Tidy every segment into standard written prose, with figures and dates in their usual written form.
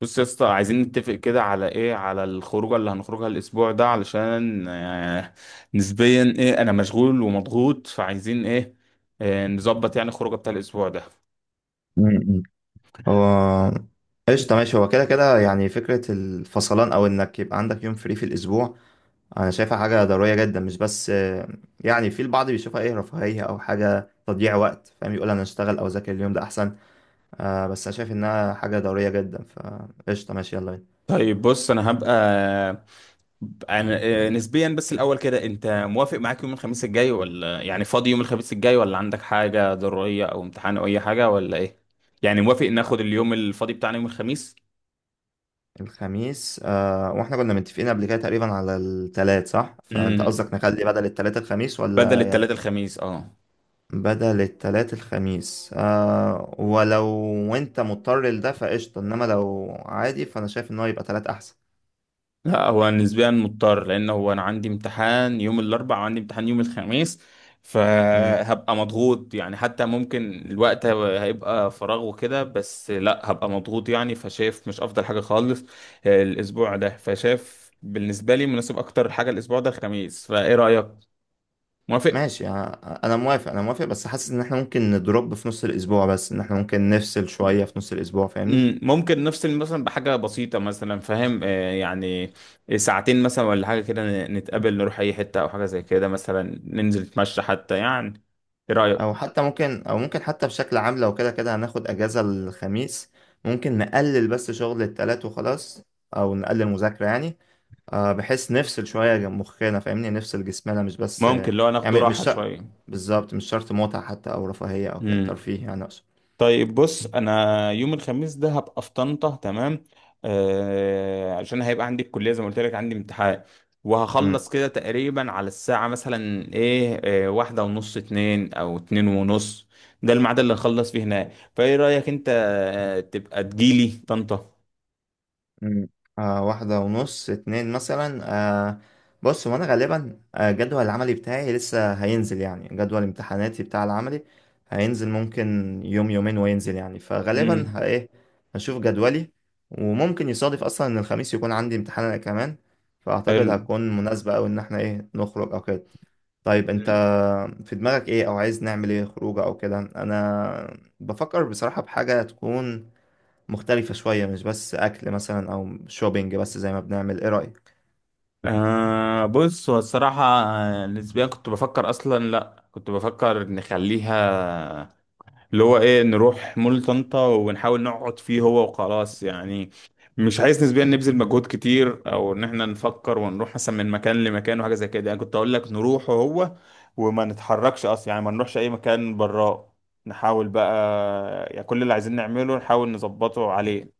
بص يا اسطى، عايزين نتفق كده على ايه؟ على الخروجه اللي هنخرجها الاسبوع ده، علشان نسبيا ايه، انا مشغول ومضغوط، فعايزين ايه؟ نظبط يعني الخروجه بتاع الاسبوع ده. م-م. هو قشطة ماشي، هو كده كده يعني فكرة الفصلان أو إنك يبقى عندك يوم فري في الأسبوع. أنا شايفها حاجة ضرورية جدا، مش بس يعني في البعض بيشوفها، إيه، رفاهية أو حاجة تضييع وقت، فاهم، يقول أنا أشتغل أو أذاكر اليوم ده أحسن. بس أنا شايف إنها حاجة ضرورية جدا، فقشطة ماشي، يلا بينا. طيب بص، انا نسبيا، بس الاول كده انت موافق؟ معاك يوم الخميس الجاي؟ ولا يعني فاضي يوم الخميس الجاي؟ ولا عندك حاجه ضروريه او امتحان او اي حاجه ولا ايه؟ يعني موافق ناخد آه، اليوم الفاضي بتاعنا يوم الخميس؟ الخميس، وإحنا كنا متفقين قبل كده تقريبا على التلات، صح؟ فأنت قصدك امم نخلي بدل التلات الخميس بدل ولا؟ التلات الخميس، اه. بدل التلات الخميس، ولو وانت مضطر لده فقشطة، انما لو عادي فانا شايف ان هو يبقى تلات احسن. لا، هو نسبيا مضطر، لان هو انا عندي امتحان يوم الاربعاء وعندي امتحان يوم الخميس. مم. فهبقى مضغوط، يعني حتى ممكن الوقت هيبقى فراغ وكده، بس لا هبقى مضغوط، يعني فشايف مش افضل حاجة خالص الاسبوع ده. فشايف بالنسبة لي مناسب اكتر حاجة الاسبوع ده الخميس. فايه رأيك؟ موافق؟ ماشي، انا موافق، انا موافق، بس حاسس ان احنا ممكن ندروب في نص الاسبوع، بس ان احنا ممكن نفصل شوية في نص الاسبوع، فاهمني. ممكن نفصل مثلا بحاجة بسيطة، مثلا فاهم، يعني ساعتين مثلا ولا حاجة كده، نتقابل، نروح أي حتة أو حاجة زي كده، مثلا ننزل نتمشى حتى، يعني إيه رأيك؟ او حتى ممكن او ممكن حتى بشكل عام، لو كده كده هناخد اجازة الخميس، ممكن نقلل بس شغل التلات وخلاص، او نقلل مذاكرة يعني. بحيث نفصل شوية مخنا، فاهمني، نفصل جسمنا مش بس ممكن آه لو ناخده يعني مش راحة شرط، شوية. بالظبط مش شرط متعة حتى أو رفاهية أو كده، مم. ترفيه يعني أقصد. طيب بص، انا يوم الخميس ده هبقى في طنطا، تمام. عشان هيبقى عندي الكليه، زي ما قلت لك عندي امتحان. مم. وهخلص كده تقريبا على الساعه مثلا ايه، واحده ونص، اتنين او اتنين ونص. ده الميعاد اللي هخلص فيه هناك. فايه رايك انت، تبقى تجيلي طنطا؟ مم. واحدة ونص، اتنين مثلا. آه بص، هو أنا غالبا جدول العملي بتاعي لسه هينزل، يعني جدول امتحاناتي بتاع العملي هينزل ممكن يوم يومين وينزل يعني، فغالبا امم إيه، هشوف جدولي، وممكن يصادف أصلا إن الخميس يكون عندي امتحان أنا كمان، فأعتقد حلو. هتكون مناسبة أوي إن احنا، إيه، نخرج أو كده. طيب انت في دماغك ايه، او عايز نعمل ايه، خروجه او كده؟ انا بفكر بصراحة بحاجة تكون مختلفة شوية، مش بس اكل مثلا او شوبينج بس زي ما بنعمل، ايه رأيك؟ بص، هو الصراحه نسبيا كنت بفكر اصلا، لا كنت بفكر نخليها اللي هو ايه، نروح مول طنطا ونحاول نقعد فيه هو وخلاص يعني. مش عايز نسبيا نبذل مجهود كتير، او ان احنا نفكر ونروح مثلا من مكان لمكان وحاجه زي كده، يعني كنت اقول لك نروح هو وما نتحركش اصلا، يعني ما نروحش اي مكان براه. نحاول بقى يعني كل اللي عايزين نعمله نحاول نظبطه عليه.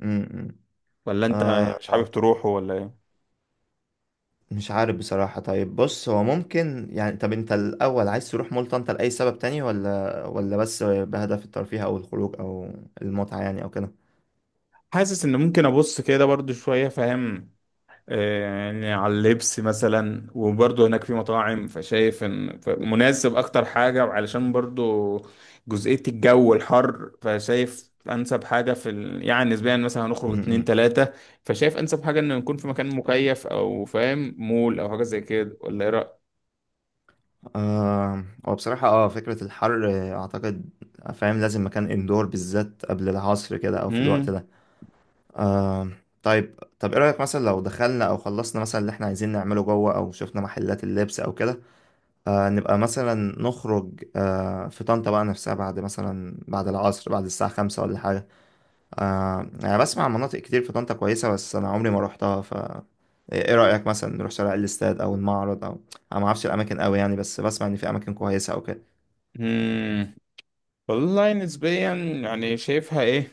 امم ولا انت يعني آه مش حابب آه، تروحه ولا ايه؟ مش عارف بصراحة. طيب بص، هو ممكن يعني، طب انت الاول عايز تروح مول طنطا لأي سبب تاني ولا بس بهدف الترفيه او الخروج او المتعة يعني او كده؟ حاسس ان ممكن ابص كده برضو شويه، فاهم، يعني على اللبس مثلا، وبرضه هناك في مطاعم، فشايف ان مناسب اكتر حاجة، وعلشان برضه جزئية الجو الحر، فشايف انسب حاجة يعني نسبيا مثلا هنخرج اتنين تلاتة، فشايف انسب حاجة انه نكون في مكان مكيف، او فاهم مول او حاجة زي كده، ولا ايه رأيك؟ هو بصراحة، فكرة الحر، اعتقد فاهم، لازم مكان اندور بالذات قبل العصر كده او في الوقت مم. ده. آه طيب طب ايه رأيك مثلا لو دخلنا او خلصنا مثلا اللي احنا عايزين نعمله جوه، او شفنا محلات اللبس او كده، نبقى مثلا نخرج في طنطا بقى نفسها، بعد مثلا، بعد العصر بعد الساعة 5 ولا حاجة. يعني بسمع عن مناطق كتير في طنطا كويسة، بس انا عمري ما روحتها، ف ايه رأيك مثلا نروح شارع الاستاد او المعرض او؟ انا ما اعرفش الاماكن قوي يعني، بس بسمع ان في اماكن كويسة او كده. مم. والله نسبيا يعني شايفها ايه،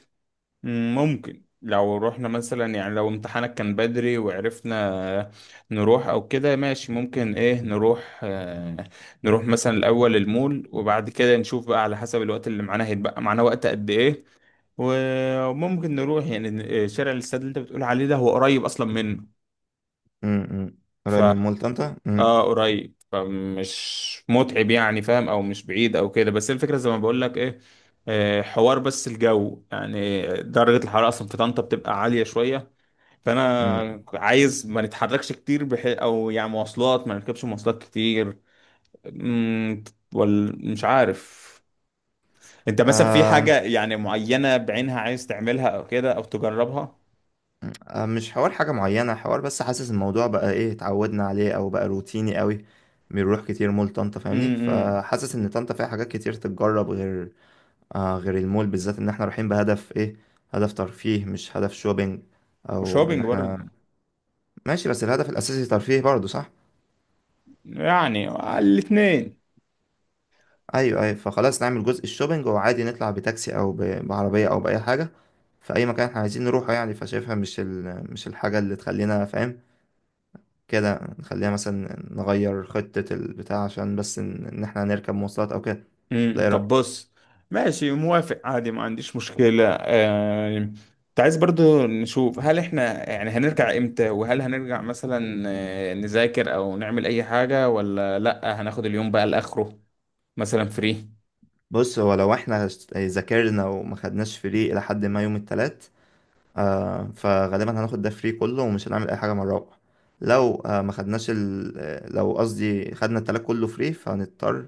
ممكن لو رحنا مثلا، يعني لو امتحانك كان بدري وعرفنا نروح او كده، ماشي ممكن ايه نروح، نروح مثلا الاول المول، وبعد كده نشوف بقى على حسب الوقت اللي معانا، هيتبقى معانا وقت قد ايه. وممكن نروح يعني شارع الاستاد اللي انت بتقول عليه ده، هو قريب اصلا منه. امم ف قريب من مولت انت؟ امم اه قريب، فمش متعب يعني، فاهم، او مش بعيد او كده، بس الفكرة زي ما بقول لك ايه، حوار بس الجو، يعني درجة الحرارة أصلا في طنطا بتبقى عالية شوية. امم فانا عايز ما نتحركش كتير، او يعني مواصلات، ما نركبش مواصلات كتير. امم ولا مش عارف، انت مثلا في آه حاجة يعني معينة بعينها عايز تعملها او كده، او تجربها؟ مش حوار حاجة معينة، حوار بس حاسس الموضوع بقى، ايه، اتعودنا عليه او بقى روتيني قوي، بنروح كتير مول طنطا فاهمني، امم فحاسس ان طنطا فيها حاجات كتير تتجرب غير المول، بالذات ان احنا رايحين بهدف، ايه، هدف ترفيه مش هدف شوبينج، او ان وشوبينج احنا... برضه، ماشي، بس الهدف الاساسي ترفيه برضه، صح؟ يعني الاتنين. ايوه، ايوه، فخلاص نعمل جزء الشوبينج، وعادي نطلع بتاكسي او بعربيه او باي حاجه، في اي مكان احنا عايزين نروحه يعني، فشايفها مش الحاجه اللي تخلينا، فاهم، كده نخليها مثلا نغير خطه البتاع عشان بس ان احنا هنركب مواصلات او كده. ده ايه طب رايك؟ بص، ماشي موافق عادي ما عنديش مشكلة. انت عايز برضو نشوف هل احنا يعني هنرجع امتى، وهل هنرجع مثلا نذاكر او نعمل اي حاجة، ولا لا هناخد اليوم بقى لاخره مثلا فري. بص، هو لو احنا ذاكرنا وما خدناش فري الى حد ما يوم التلات، فغالبا هناخد ده فري كله، ومش هنعمل اي حاجه مره رابعه. لو آه ما خدناش ال... آه، لو قصدي خدنا التلات كله فري، فهنضطر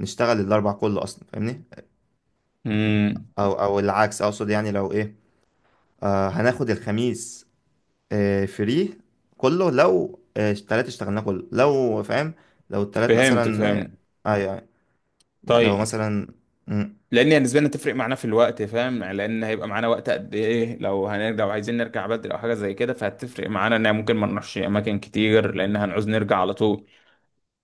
نشتغل الاربع كله اصلا فاهمني. امم او العكس اقصد يعني، لو ايه، هناخد الخميس فري كله، لو التلات اشتغلناه كله، لو فاهم. لو التلات فهمت مثلا، فهمت. ايوه ايوه لو طيب، مثلا. مم، لان يعني بالنسبة لنا تفرق معانا في الوقت، فاهم، يعني لان هيبقى معانا وقت قد ايه، لو هنرجع وعايزين نرجع بدري او حاجة زي كده، فهتفرق معانا ان ممكن ما نروحش اماكن كتير، لان هنعوز نرجع على طول.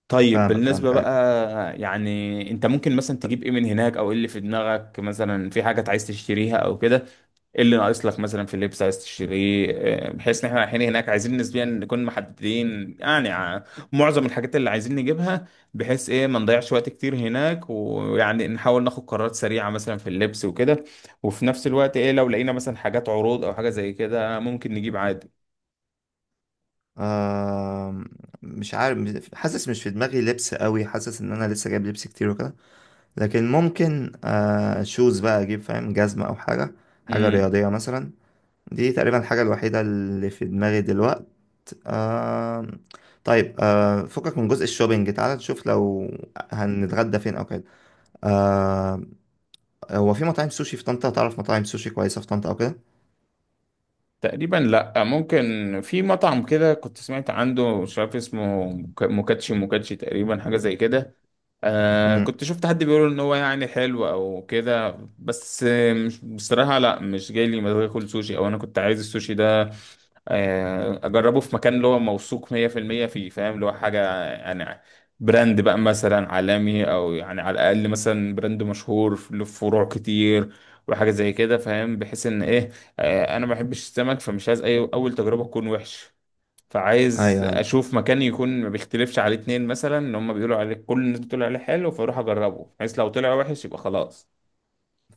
طيب فاهمك بالنسبة فاهمك، ايوه. بقى يعني، انت ممكن مثلا تجيب ايه من هناك؟ او ايه اللي في دماغك؟ مثلا في حاجة عايز تشتريها او كده؟ ايه اللي ناقص لك مثلا في اللبس عايز تشتريه؟ اه، بحيث ان احنا رايحين هناك، عايزين نسبيا نكون محددين يعني، معظم الحاجات اللي عايزين نجيبها، بحيث ايه ما نضيعش وقت كتير هناك، ويعني نحاول ناخد قرارات سريعة مثلا في اللبس وكده. وفي نفس الوقت ايه، لو لقينا مثلا حاجات عروض او حاجة زي كده ممكن نجيب عادي. آه مش عارف، حاسس مش في دماغي لبس قوي، حاسس ان انا لسه جايب لبس كتير وكده، لكن ممكن شوز بقى اجيب، فاهم، جزمة او حاجة، حاجة امم رياضية مثلا. دي تقريبا الحاجة الوحيدة اللي في دماغي دلوقت. آه طيب، فكك من جزء الشوبينج، تعالى نشوف لو هنتغدى فين او كده. آه هو في مطاعم سوشي في طنطا، تعرف مطاعم سوشي كويسة في طنطا او كده؟ تقريبا لا، ممكن في مطعم كده كنت سمعت عنده، مش عارف اسمه، موكاتشي، موكاتشي تقريبا حاجة زي كده. امم كنت شفت حد بيقول ان هو يعني حلو او كده، بس مش بصراحة، لا مش جاي لي مزاج اكل سوشي، او انا كنت عايز السوشي ده اجربه في مكان اللي هو موثوق 100% فيه، فاهم، اللي هو حاجة يعني براند بقى مثلا عالمي، او يعني على الاقل مثلا براند مشهور له فروع كتير، وحاجة زي كده، فاهم، بحيث ان ايه، انا ما بحبش السمك، فمش عايز اي اول تجربة تكون وحش. فعايز ايوه، أيوة. اشوف مكان يكون ما بيختلفش عليه اتنين، مثلا ان هم بيقولوا عليه كل الناس بتقول عليه حلو، فاروح اجربه، بحيث لو طلع وحش يبقى خلاص.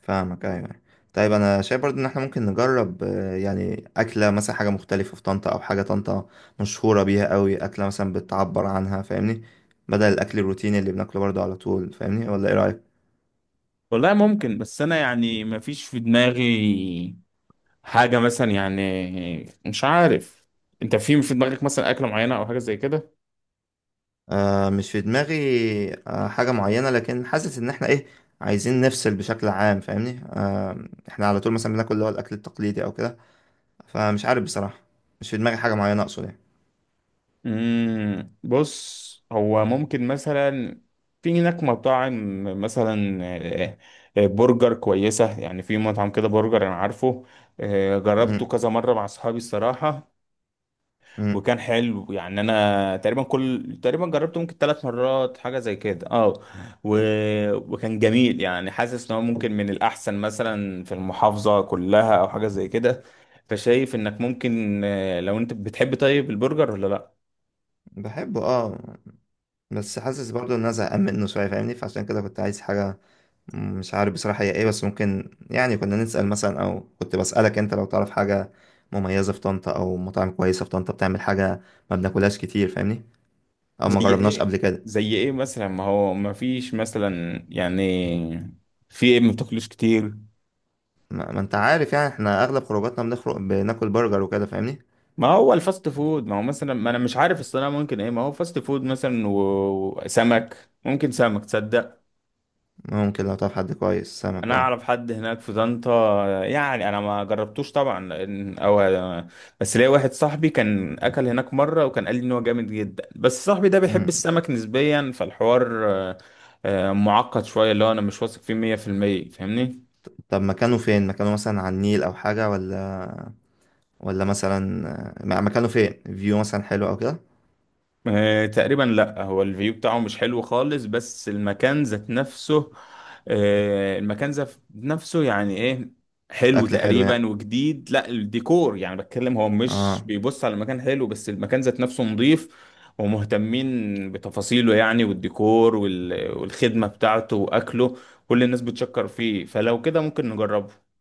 فاهمك، ايوه، أيوة. طيب انا شايف برضو ان احنا ممكن نجرب، يعني اكله مثلا، حاجه مختلفه في طنطا او حاجه طنطا مشهوره بيها قوي، اكله مثلا بتعبر عنها فاهمني، بدل الاكل الروتيني اللي بناكله برضو على طول فاهمني، ولا ايه رايك؟ والله ممكن، بس انا يعني ما فيش في دماغي حاجة مثلا يعني، مش عارف، انت في دماغك مثلا اكلة معينة او حاجة زي كده؟ مش في دماغي حاجه معينه، لكن حاسس ان احنا، ايه، عايزين نفصل بشكل عام فاهمني، احنا على طول مثلا بناكل اللي هو الاكل التقليدي او كده، فمش عارف بصراحه، مش في دماغي حاجه معينه اقصد يعني. بص، هو ممكن مثلا في هناك مطاعم مثلا، برجر كويسة، يعني في مطعم كده برجر انا عارفه. جربته م- كذا مرة مع اصحابي الصراحة، م- وكان حلو يعني. انا تقريبا جربته ممكن ثلاث مرات، حاجه زي كده، اه. و... وكان جميل يعني، حاسس ان هو ممكن من الاحسن مثلا في المحافظه كلها او حاجه زي كده. فشايف انك ممكن، لو انت بتحب طيب البرجر ولا لا؟ بحبه، اه. بس حاسس برضو ان انا زهقان منه شويه فاهمني، فعشان كده كنت عايز حاجه. مش عارف بصراحه هي ايه، بس ممكن يعني كنا نسال مثلا، او كنت بسالك انت لو تعرف حاجه مميزه في طنطا او مطاعم كويسه في طنطا بتعمل حاجه ما بناكلهاش كتير فاهمني، او زي ما جربناش ايه؟ قبل كده. زي ايه مثلا؟ ما هو ما فيش مثلا يعني، في ايه ما بتاكلوش كتير؟ ما انت عارف يعني، احنا اغلب خروجاتنا بنخرج بناكل برجر وكده فاهمني. ما هو الفاست فود، ما هو مثلا، ما انا مش عارف الصراحه، ممكن ايه ما هو فاست فود مثلا، وسمك، ممكن سمك تصدق. ممكن لو تعرف حد كويس سمك، انا اه. اعرف حد هناك في طنطا، يعني انا ما جربتوش طبعا او، بس ليا واحد صاحبي كان اكل هناك مره، وكان قال لي ان هو جامد جدا، بس صاحبي ده بيحب مم. السمك نسبيا، فالحوار معقد شويه، اللي هو انا مش واثق فيه 100%، فاهمني. طب مكانه فين، مكانه مثلا على النيل او حاجه، ولا؟ ولا مثلا، مكانه فين، فيو مثلا حلو او كده؟ تقريبا لا، هو الفيو بتاعه مش حلو خالص، بس المكان ذات نفسه، المكان ذات نفسه يعني ايه، حلو اكل حلو يعني، تقريبا وجديد، لا الديكور يعني بتكلم، هو مش اه. بيبص على المكان حلو، بس المكان ذات نفسه نظيف، ومهتمين بتفاصيله يعني، والديكور والخدمة بتاعته واكله، كل الناس بتشكر فيه، فلو كده ممكن نجربه.